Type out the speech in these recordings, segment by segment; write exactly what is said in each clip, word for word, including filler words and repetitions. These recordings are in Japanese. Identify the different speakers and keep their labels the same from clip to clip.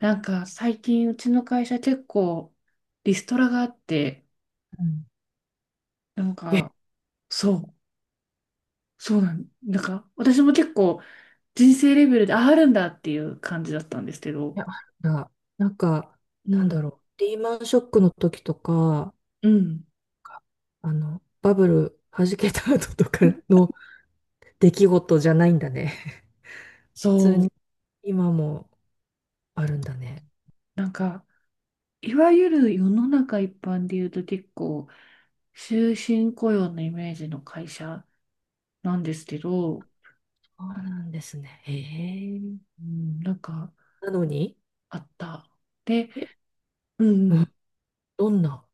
Speaker 1: なんか最近うちの会社結構リストラがあって、
Speaker 2: うん。
Speaker 1: なん
Speaker 2: え、い
Speaker 1: かそう、そうなん、なんか私も結構人生レベルでああるんだっていう感じだったんですけど、
Speaker 2: や、あるんだ。なんか、
Speaker 1: う
Speaker 2: なんだ
Speaker 1: ん、
Speaker 2: ろう。リーマンショックの時とか、
Speaker 1: うん、
Speaker 2: かあの、バブル弾けた後とかの出来事じゃないんだね。普通
Speaker 1: そう、
Speaker 2: に今もあるんだね。
Speaker 1: なんかいわゆる世の中一般で言うと結構終身雇用のイメージの会社なんですけど、
Speaker 2: そうなんですね。へえ。
Speaker 1: うん、なんか
Speaker 2: なのに、
Speaker 1: あった。で、
Speaker 2: え、
Speaker 1: うんう
Speaker 2: うん、
Speaker 1: ん
Speaker 2: どんな、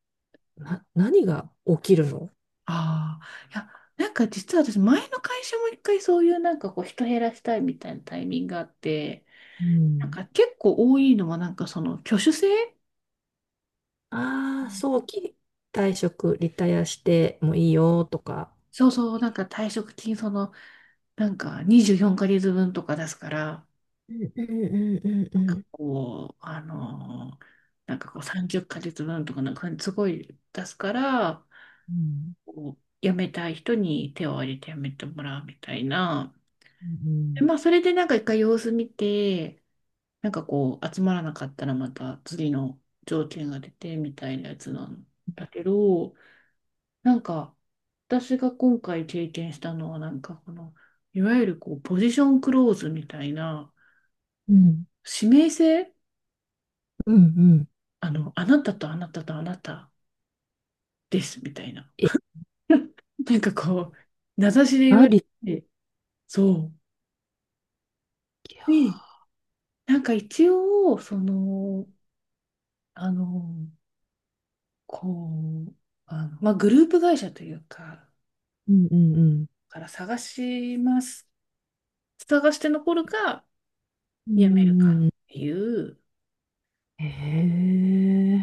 Speaker 2: な、何が起きるの？
Speaker 1: ああ、いや、なんか実は私、前の会社も一回そういうなんかこう人減らしたいみたいなタイミングがあって、
Speaker 2: う
Speaker 1: なん
Speaker 2: ん。
Speaker 1: か結構多いのはなんかその挙手制。
Speaker 2: あ
Speaker 1: う
Speaker 2: あ、
Speaker 1: ん。
Speaker 2: 早期退職、リタイアしてもいいよとか。
Speaker 1: そうそう、なんか退職金その、なんかにじゅうよんかげつぶんとか出すから、
Speaker 2: うんうんうんう
Speaker 1: な
Speaker 2: ん
Speaker 1: ん
Speaker 2: う
Speaker 1: か
Speaker 2: ん。
Speaker 1: こう、あのーなんかこうさんじゅっかげつぶんとかなんかすごい出すから、
Speaker 2: うん
Speaker 1: こう辞めたい人に手を挙げて辞めてもらうみたいな。
Speaker 2: うんう
Speaker 1: で
Speaker 2: ん
Speaker 1: まあ、それでなんか一回様子見て、なんかこう、集まらなかったらまた次の条件が出てみたいなやつなんだけど、なんか、私が今回経験したのは、なんかこの、いわゆるこう、ポジションクローズみたいな、
Speaker 2: うん。
Speaker 1: 指名制。
Speaker 2: うんうん。
Speaker 1: あの、あなたとあなたとあなたですみたいな。
Speaker 2: え、
Speaker 1: なんかこう、名指しで言
Speaker 2: あ
Speaker 1: われ
Speaker 2: り
Speaker 1: て、そ
Speaker 2: きゃ。
Speaker 1: う。で、なんか一応、その、あの、こう、あの、まあ、グループ会社というか、
Speaker 2: うんうんうん。
Speaker 1: から探します。探して残るか、
Speaker 2: うんう
Speaker 1: やめるか
Speaker 2: んう
Speaker 1: っ
Speaker 2: ん。
Speaker 1: ていう
Speaker 2: へえ。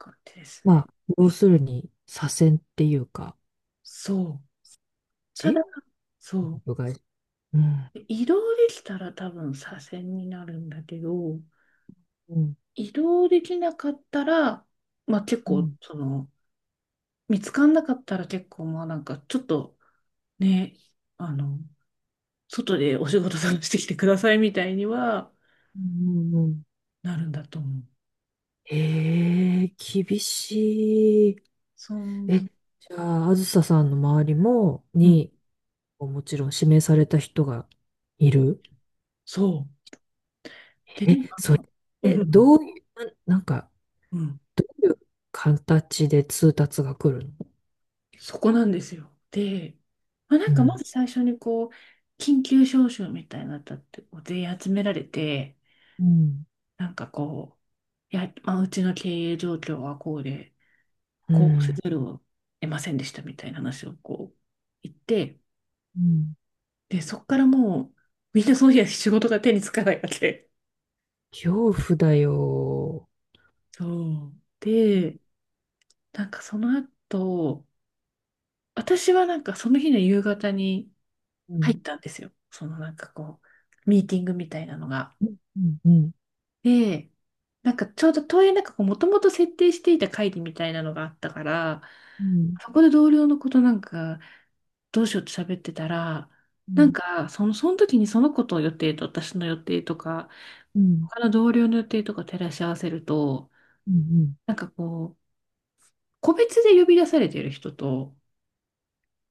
Speaker 1: 感じですね。
Speaker 2: まあ、要するに、左遷っていうか、
Speaker 1: そう。ただ、
Speaker 2: じ
Speaker 1: そ
Speaker 2: 部外。うん。
Speaker 1: う。移動できたら多分左遷になるんだけど、
Speaker 2: うん。
Speaker 1: 移動できなかったら、まあ結
Speaker 2: う
Speaker 1: 構、
Speaker 2: ん。
Speaker 1: その、見つかんなかったら結構、まあなんかちょっとね、あの、外でお仕事探してきてくださいみたいには
Speaker 2: うんうんうん。
Speaker 1: なるんだと思う。
Speaker 2: へえ、厳しい。
Speaker 1: そ
Speaker 2: え、
Speaker 1: う。
Speaker 2: じゃあ、あずささんの周りも、
Speaker 1: うん、
Speaker 2: に、もちろん指名された人がいる。
Speaker 1: そう。で、
Speaker 2: え、
Speaker 1: なんか、
Speaker 2: それ、
Speaker 1: う
Speaker 2: え、
Speaker 1: ん、
Speaker 2: どういう、な、なんか、
Speaker 1: うん。
Speaker 2: どういう形で通達が来るの？
Speaker 1: そこなんですよ。で、まあ、な
Speaker 2: う
Speaker 1: んかま
Speaker 2: ん。
Speaker 1: ず最初にこう、緊急招集みたいなのだってこう全員集められて、
Speaker 2: うん。
Speaker 1: なんかこう、いや、まあ、うちの経営状況はこうで、
Speaker 2: う
Speaker 1: こうせ
Speaker 2: ん。
Speaker 1: ざるを得ませんでしたみたいな話をこう言って、
Speaker 2: うん。
Speaker 1: で、そこからもう、みんなその日は仕事が手につかないわけ。
Speaker 2: 恐怖だよ。
Speaker 1: そう。で、なんかその後、私はなんかその日の夕方に
Speaker 2: う
Speaker 1: 入
Speaker 2: ん。
Speaker 1: ったんですよ。そのなんかこう、ミーティングみたいなのが。
Speaker 2: うん。うん。
Speaker 1: で、なんかちょうどというなんかこう、もともと設定していた会議みたいなのがあったから、
Speaker 2: うん。
Speaker 1: そこで同僚のことなんか、どうしようって喋ってたら、
Speaker 2: う
Speaker 1: なん
Speaker 2: ん。
Speaker 1: か、その、その時にその子と予定と私の予定とか、
Speaker 2: うん。
Speaker 1: 他の同僚の予定とか照らし合わせると、
Speaker 2: うん。
Speaker 1: なんかこう、個別で呼び出されている人と、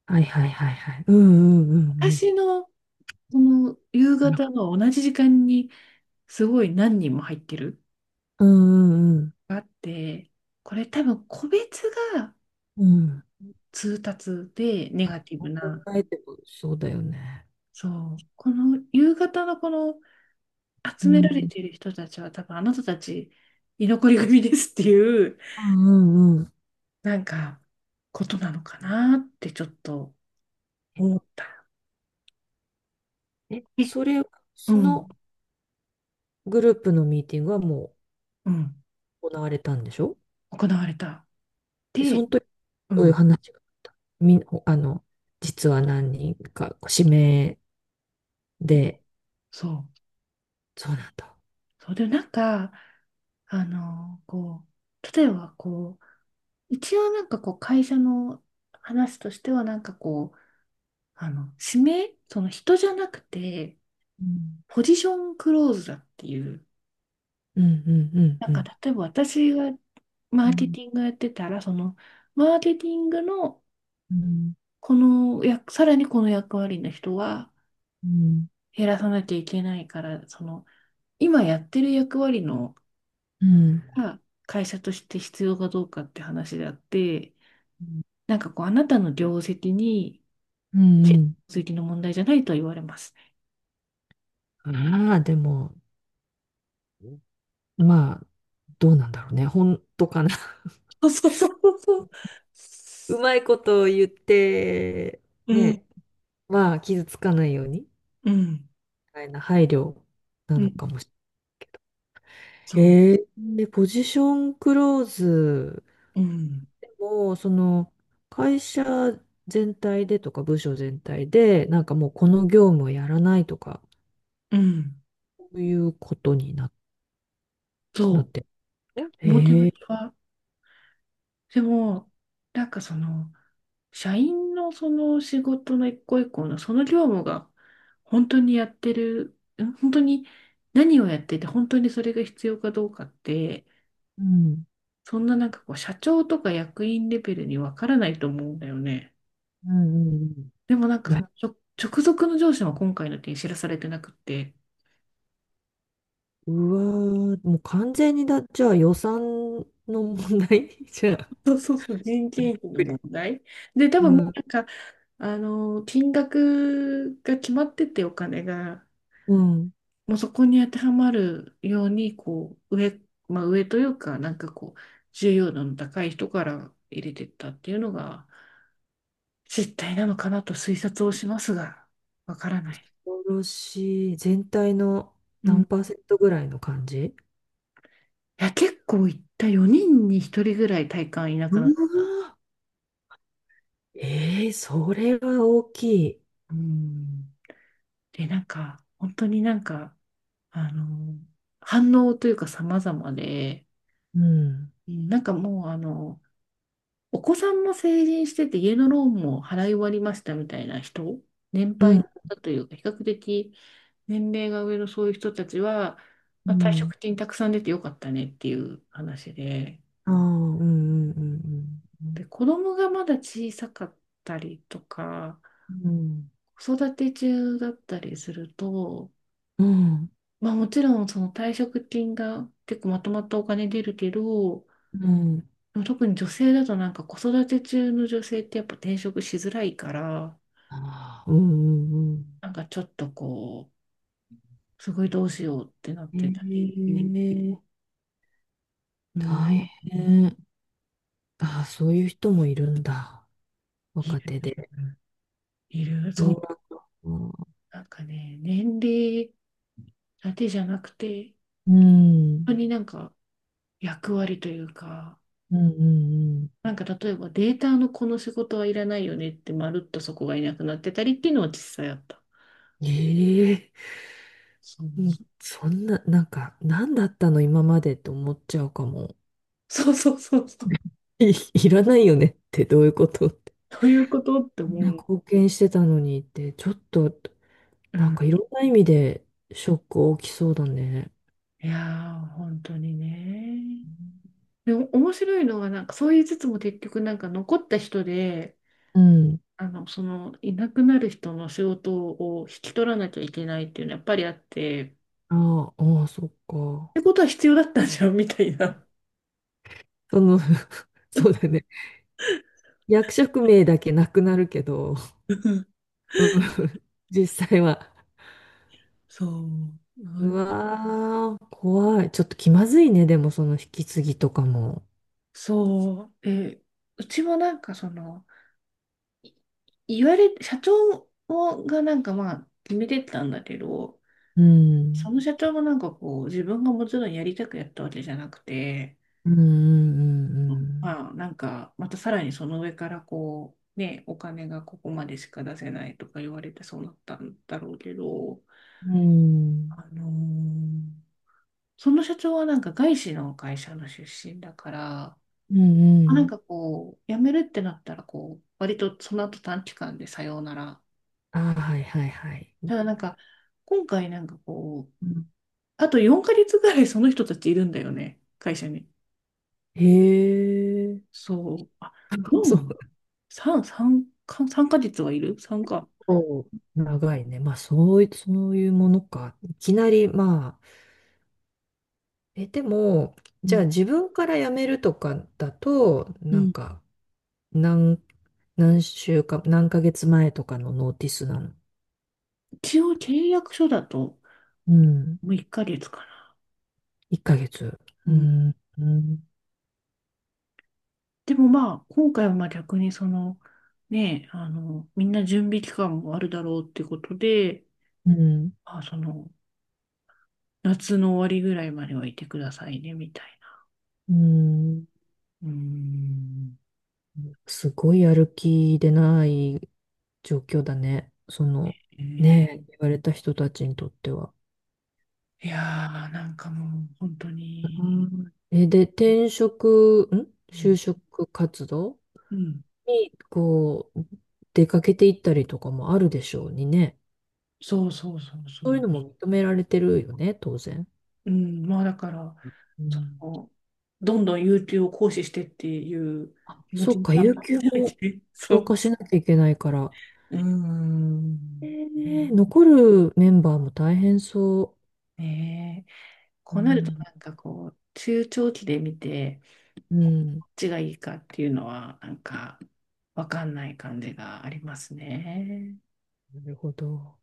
Speaker 2: はいはいはいはい。うんうんうんうん。
Speaker 1: 私のその夕方の同じ時間にすごい何人も入ってる
Speaker 2: うんうん
Speaker 1: があって、これ多分個別が
Speaker 2: うん。うん。
Speaker 1: 通達でネガティブ
Speaker 2: 考
Speaker 1: な、
Speaker 2: えてもそうだよね。
Speaker 1: そう、この夕方のこの
Speaker 2: う
Speaker 1: 集められ
Speaker 2: ん。
Speaker 1: ている人たちは多分あなたたち居残り組ですっていう、
Speaker 2: うんうんうん。
Speaker 1: なんかことなのかなってちょっと思った。
Speaker 2: え、
Speaker 1: え、
Speaker 2: それ、
Speaker 1: う
Speaker 2: その
Speaker 1: ん、
Speaker 2: グループのミーティングはも
Speaker 1: うん、
Speaker 2: う行われたんでしょ？
Speaker 1: 行われた。
Speaker 2: でそ
Speaker 1: で、
Speaker 2: の時、
Speaker 1: う
Speaker 2: どういう
Speaker 1: ん、
Speaker 2: 話があったみん、あの、実は何人か、指名で、
Speaker 1: そう。
Speaker 2: そうなんだ。
Speaker 1: そう、でなんか、あの、こう、例えばこう、一応なんかこう会社の話としてはなんかこう、あの、指名、その人じゃなくて、
Speaker 2: うん。
Speaker 1: ポジションクローズだっていう、
Speaker 2: うんうんうん
Speaker 1: な
Speaker 2: う
Speaker 1: んか
Speaker 2: ん。
Speaker 1: 例えば私がマ
Speaker 2: う
Speaker 1: ーケ
Speaker 2: ん
Speaker 1: ティングやってたら、そのマーケティングの
Speaker 2: うん
Speaker 1: この役、さらにこの役割の人は
Speaker 2: うん
Speaker 1: 減らさなきゃいけないから、その今やってる役割の
Speaker 2: うん。
Speaker 1: が会社として必要かどうかって話であって、なんかこうあなたの業績に
Speaker 2: うんうん。
Speaker 1: 業績の問題じゃないとは言われます。
Speaker 2: ああ、でも、まあ、どうなんだろうね。本当かな。
Speaker 1: そうそうそうそう。
Speaker 2: うまいことを言って、
Speaker 1: うん、
Speaker 2: ね、まあ、傷つかないように、み
Speaker 1: うん、
Speaker 2: たいな配慮な
Speaker 1: う
Speaker 2: の
Speaker 1: ん、
Speaker 2: かもし
Speaker 1: そう、
Speaker 2: れない。えー、で、ポジションクローズ
Speaker 1: うん、
Speaker 2: でも、その、会社全体でとか、部署全体で、なんかもうこの業務をやらないとか、
Speaker 1: うん、
Speaker 2: そういうことにな、
Speaker 1: そ
Speaker 2: なっ
Speaker 1: う。
Speaker 2: てるの？
Speaker 1: 表
Speaker 2: へ
Speaker 1: 向き
Speaker 2: え、
Speaker 1: は。でも、なんかその、社員のその仕事の一個一個のその業務が本当にやってる、ん本当に何をやってて本当にそれが必要かどうかって、
Speaker 2: うん。
Speaker 1: そんななんかこう社長とか役員レベルにわからないと思うんだよね。
Speaker 2: うんうんうん
Speaker 1: でもなんか
Speaker 2: な
Speaker 1: その直直属の上司は今回の件知らされてなくって、
Speaker 2: うわー、もう完全にだ、じゃあ予算の問題 じゃあ。
Speaker 1: そうそうそう、人件費の問題。で、多
Speaker 2: う
Speaker 1: 分もう
Speaker 2: ん、
Speaker 1: なんか、あの、金額が決まっててお金が。
Speaker 2: うん。
Speaker 1: もうそこに当てはまるように、こう、上、まあ上というか、なんかこう、重要度の高い人から入れてったっていうのが、実態なのかなと推察をしますが、わからない。
Speaker 2: 恐ろしい。全体の
Speaker 1: うん。
Speaker 2: 何
Speaker 1: い
Speaker 2: パーセントぐらいの感じ？
Speaker 1: や、結構いったよにんにひとりぐらい体感いな
Speaker 2: う
Speaker 1: くなっ
Speaker 2: わー、えー、それは大きい。
Speaker 1: た。うん。で、なんか、本当になんか、あの、反応というか様々で、
Speaker 2: うん。
Speaker 1: うんなんかもう、あの、お子さんも成人してて家のローンも払い終わりましたみたいな人、年
Speaker 2: う
Speaker 1: 配
Speaker 2: ん。
Speaker 1: だというか、比較的年齢が上のそういう人たちは、
Speaker 2: う
Speaker 1: まあ、退
Speaker 2: ん。
Speaker 1: 職金たくさん出てよかったねっていう話で、
Speaker 2: ああ、うんうん
Speaker 1: で、子供がまだ小さかったりとか、
Speaker 2: うん。
Speaker 1: 子育て中だったりすると、
Speaker 2: うん。
Speaker 1: まあもちろんその退職金が結構まとまったお金出るけど、
Speaker 2: うんうん。うん。
Speaker 1: でも特に女性だとなんか子育て中の女性ってやっぱ転職しづらいから、
Speaker 2: ああ、うんうんうん。
Speaker 1: なんかちょっとこう、すごいどうしようってなってたり、
Speaker 2: ええ
Speaker 1: うん、
Speaker 2: 大変。ああ、そういう人もいるんだ。
Speaker 1: い
Speaker 2: 若手
Speaker 1: る、
Speaker 2: で。
Speaker 1: いる、そ
Speaker 2: 今、
Speaker 1: う。
Speaker 2: うん、
Speaker 1: なんかね、年齢だけじゃなくて、
Speaker 2: うん、
Speaker 1: 本当になんか役割というか、
Speaker 2: うん、うん。
Speaker 1: なんか例えばデータのこの仕事はいらないよねってまるっとそこがいなくなってたりっていうのは実際あった。
Speaker 2: ええ
Speaker 1: そう、
Speaker 2: うんそんな、なんか、何だったの今までって思っちゃうかも。
Speaker 1: そうそうそうそう。
Speaker 2: い、いらないよねってどういうことって。
Speaker 1: どういうことって
Speaker 2: みん
Speaker 1: 思
Speaker 2: な
Speaker 1: う。
Speaker 2: 貢献してたのにって、ちょっと、
Speaker 1: う
Speaker 2: なん
Speaker 1: ん。
Speaker 2: かいろんな意味でショック大きそうだね。
Speaker 1: いやー、本当にね。でも面白いのはなんかそう言いつつも結局なんか残った人で、
Speaker 2: うん。
Speaker 1: あの、その、いなくなる人の仕事を引き取らなきゃいけないっていうのはやっぱりあって、っ
Speaker 2: ああ、ああ、そっか。
Speaker 1: てことは必要だったじゃん、みたいな。
Speaker 2: その そうだね。役職名だけなくなるけど、
Speaker 1: うん
Speaker 2: うん、実際は。
Speaker 1: そう、な
Speaker 2: う
Speaker 1: る
Speaker 2: わー、怖い。ちょっと気まずいね、でもその引き継ぎとかも。
Speaker 1: そう、え、うちもなんかその、い言われ、社長がなんかまあ決めてたんだけど、
Speaker 2: う
Speaker 1: そ
Speaker 2: ん。
Speaker 1: の社長もなんかこう、自分がもちろんやりたくやったわけじゃなくて、
Speaker 2: うんうん
Speaker 1: まあなんか、またさらにその上からこう、ね、お金がここまでしか出せないとか言われてそうなったんだろうけど、
Speaker 2: うんうん。
Speaker 1: あのーその社長はなんか外資の会社の出身だから、
Speaker 2: うん。うんう
Speaker 1: あなん
Speaker 2: ん。
Speaker 1: かこう、辞めるってなったら、こう、割とその後短期間でさようなら。
Speaker 2: ああ、はいはいはい。
Speaker 1: ただなんか、今回なんかこう、
Speaker 2: うん
Speaker 1: あとよんかげつぐらいその人たちいるんだよね、会社に。
Speaker 2: へえ。
Speaker 1: そう。あ、
Speaker 2: そ
Speaker 1: よん、さん、さん、さんかげつはいる？ さん か。
Speaker 2: う。長いね。まあ、そういう、そういうものか。いきなり、まあ、え、でも、
Speaker 1: う
Speaker 2: じゃあ
Speaker 1: ん。
Speaker 2: 自分から辞めるとかだと、
Speaker 1: う
Speaker 2: なん
Speaker 1: ん。
Speaker 2: か、何、何週間、何ヶ月前とかのノーティスなの？
Speaker 1: 一応契約書だと、
Speaker 2: うん。
Speaker 1: もういっかげつか
Speaker 2: いっかげつ。う
Speaker 1: な。
Speaker 2: ん。うん。
Speaker 1: でもまあ、今回はまあ逆にその、ね、あの、みんな準備期間もあるだろうってことで、
Speaker 2: うん。
Speaker 1: まあ、その、夏の終わりぐらいまではいてくださいね、みたい
Speaker 2: うん
Speaker 1: な。うーん。
Speaker 2: すごいやる気でない状況だね。その、
Speaker 1: えー
Speaker 2: ねえ、言われた人たちにとっては。
Speaker 1: いやー、なんかもう、本当
Speaker 2: う
Speaker 1: に、
Speaker 2: んえ、で、転職、ん
Speaker 1: う
Speaker 2: 就
Speaker 1: ん、
Speaker 2: 職活動
Speaker 1: うん
Speaker 2: に、こう、出かけていったりとかもあるでしょうにね。
Speaker 1: そうそうそうそう。
Speaker 2: そういうのも認められてるよね、当然。
Speaker 1: うん、まあだから、
Speaker 2: う
Speaker 1: そ
Speaker 2: ん
Speaker 1: の、どんどん有給を行使してっていう
Speaker 2: あ、
Speaker 1: 気持
Speaker 2: そ
Speaker 1: ち
Speaker 2: っか、
Speaker 1: が
Speaker 2: 有給
Speaker 1: 強い
Speaker 2: も
Speaker 1: ね。そ
Speaker 2: 消
Speaker 1: う。
Speaker 2: 化しなきゃいけないから。
Speaker 1: うー
Speaker 2: え
Speaker 1: ん。ね
Speaker 2: ー、残るメンバーも大変そ
Speaker 1: ねえ
Speaker 2: う。う
Speaker 1: こうなると
Speaker 2: ん、
Speaker 1: なんかこう中長期で見て
Speaker 2: う
Speaker 1: こ
Speaker 2: ん、
Speaker 1: っちがいいかっていうのはなんかわかんない感じがありますね。
Speaker 2: なるほど。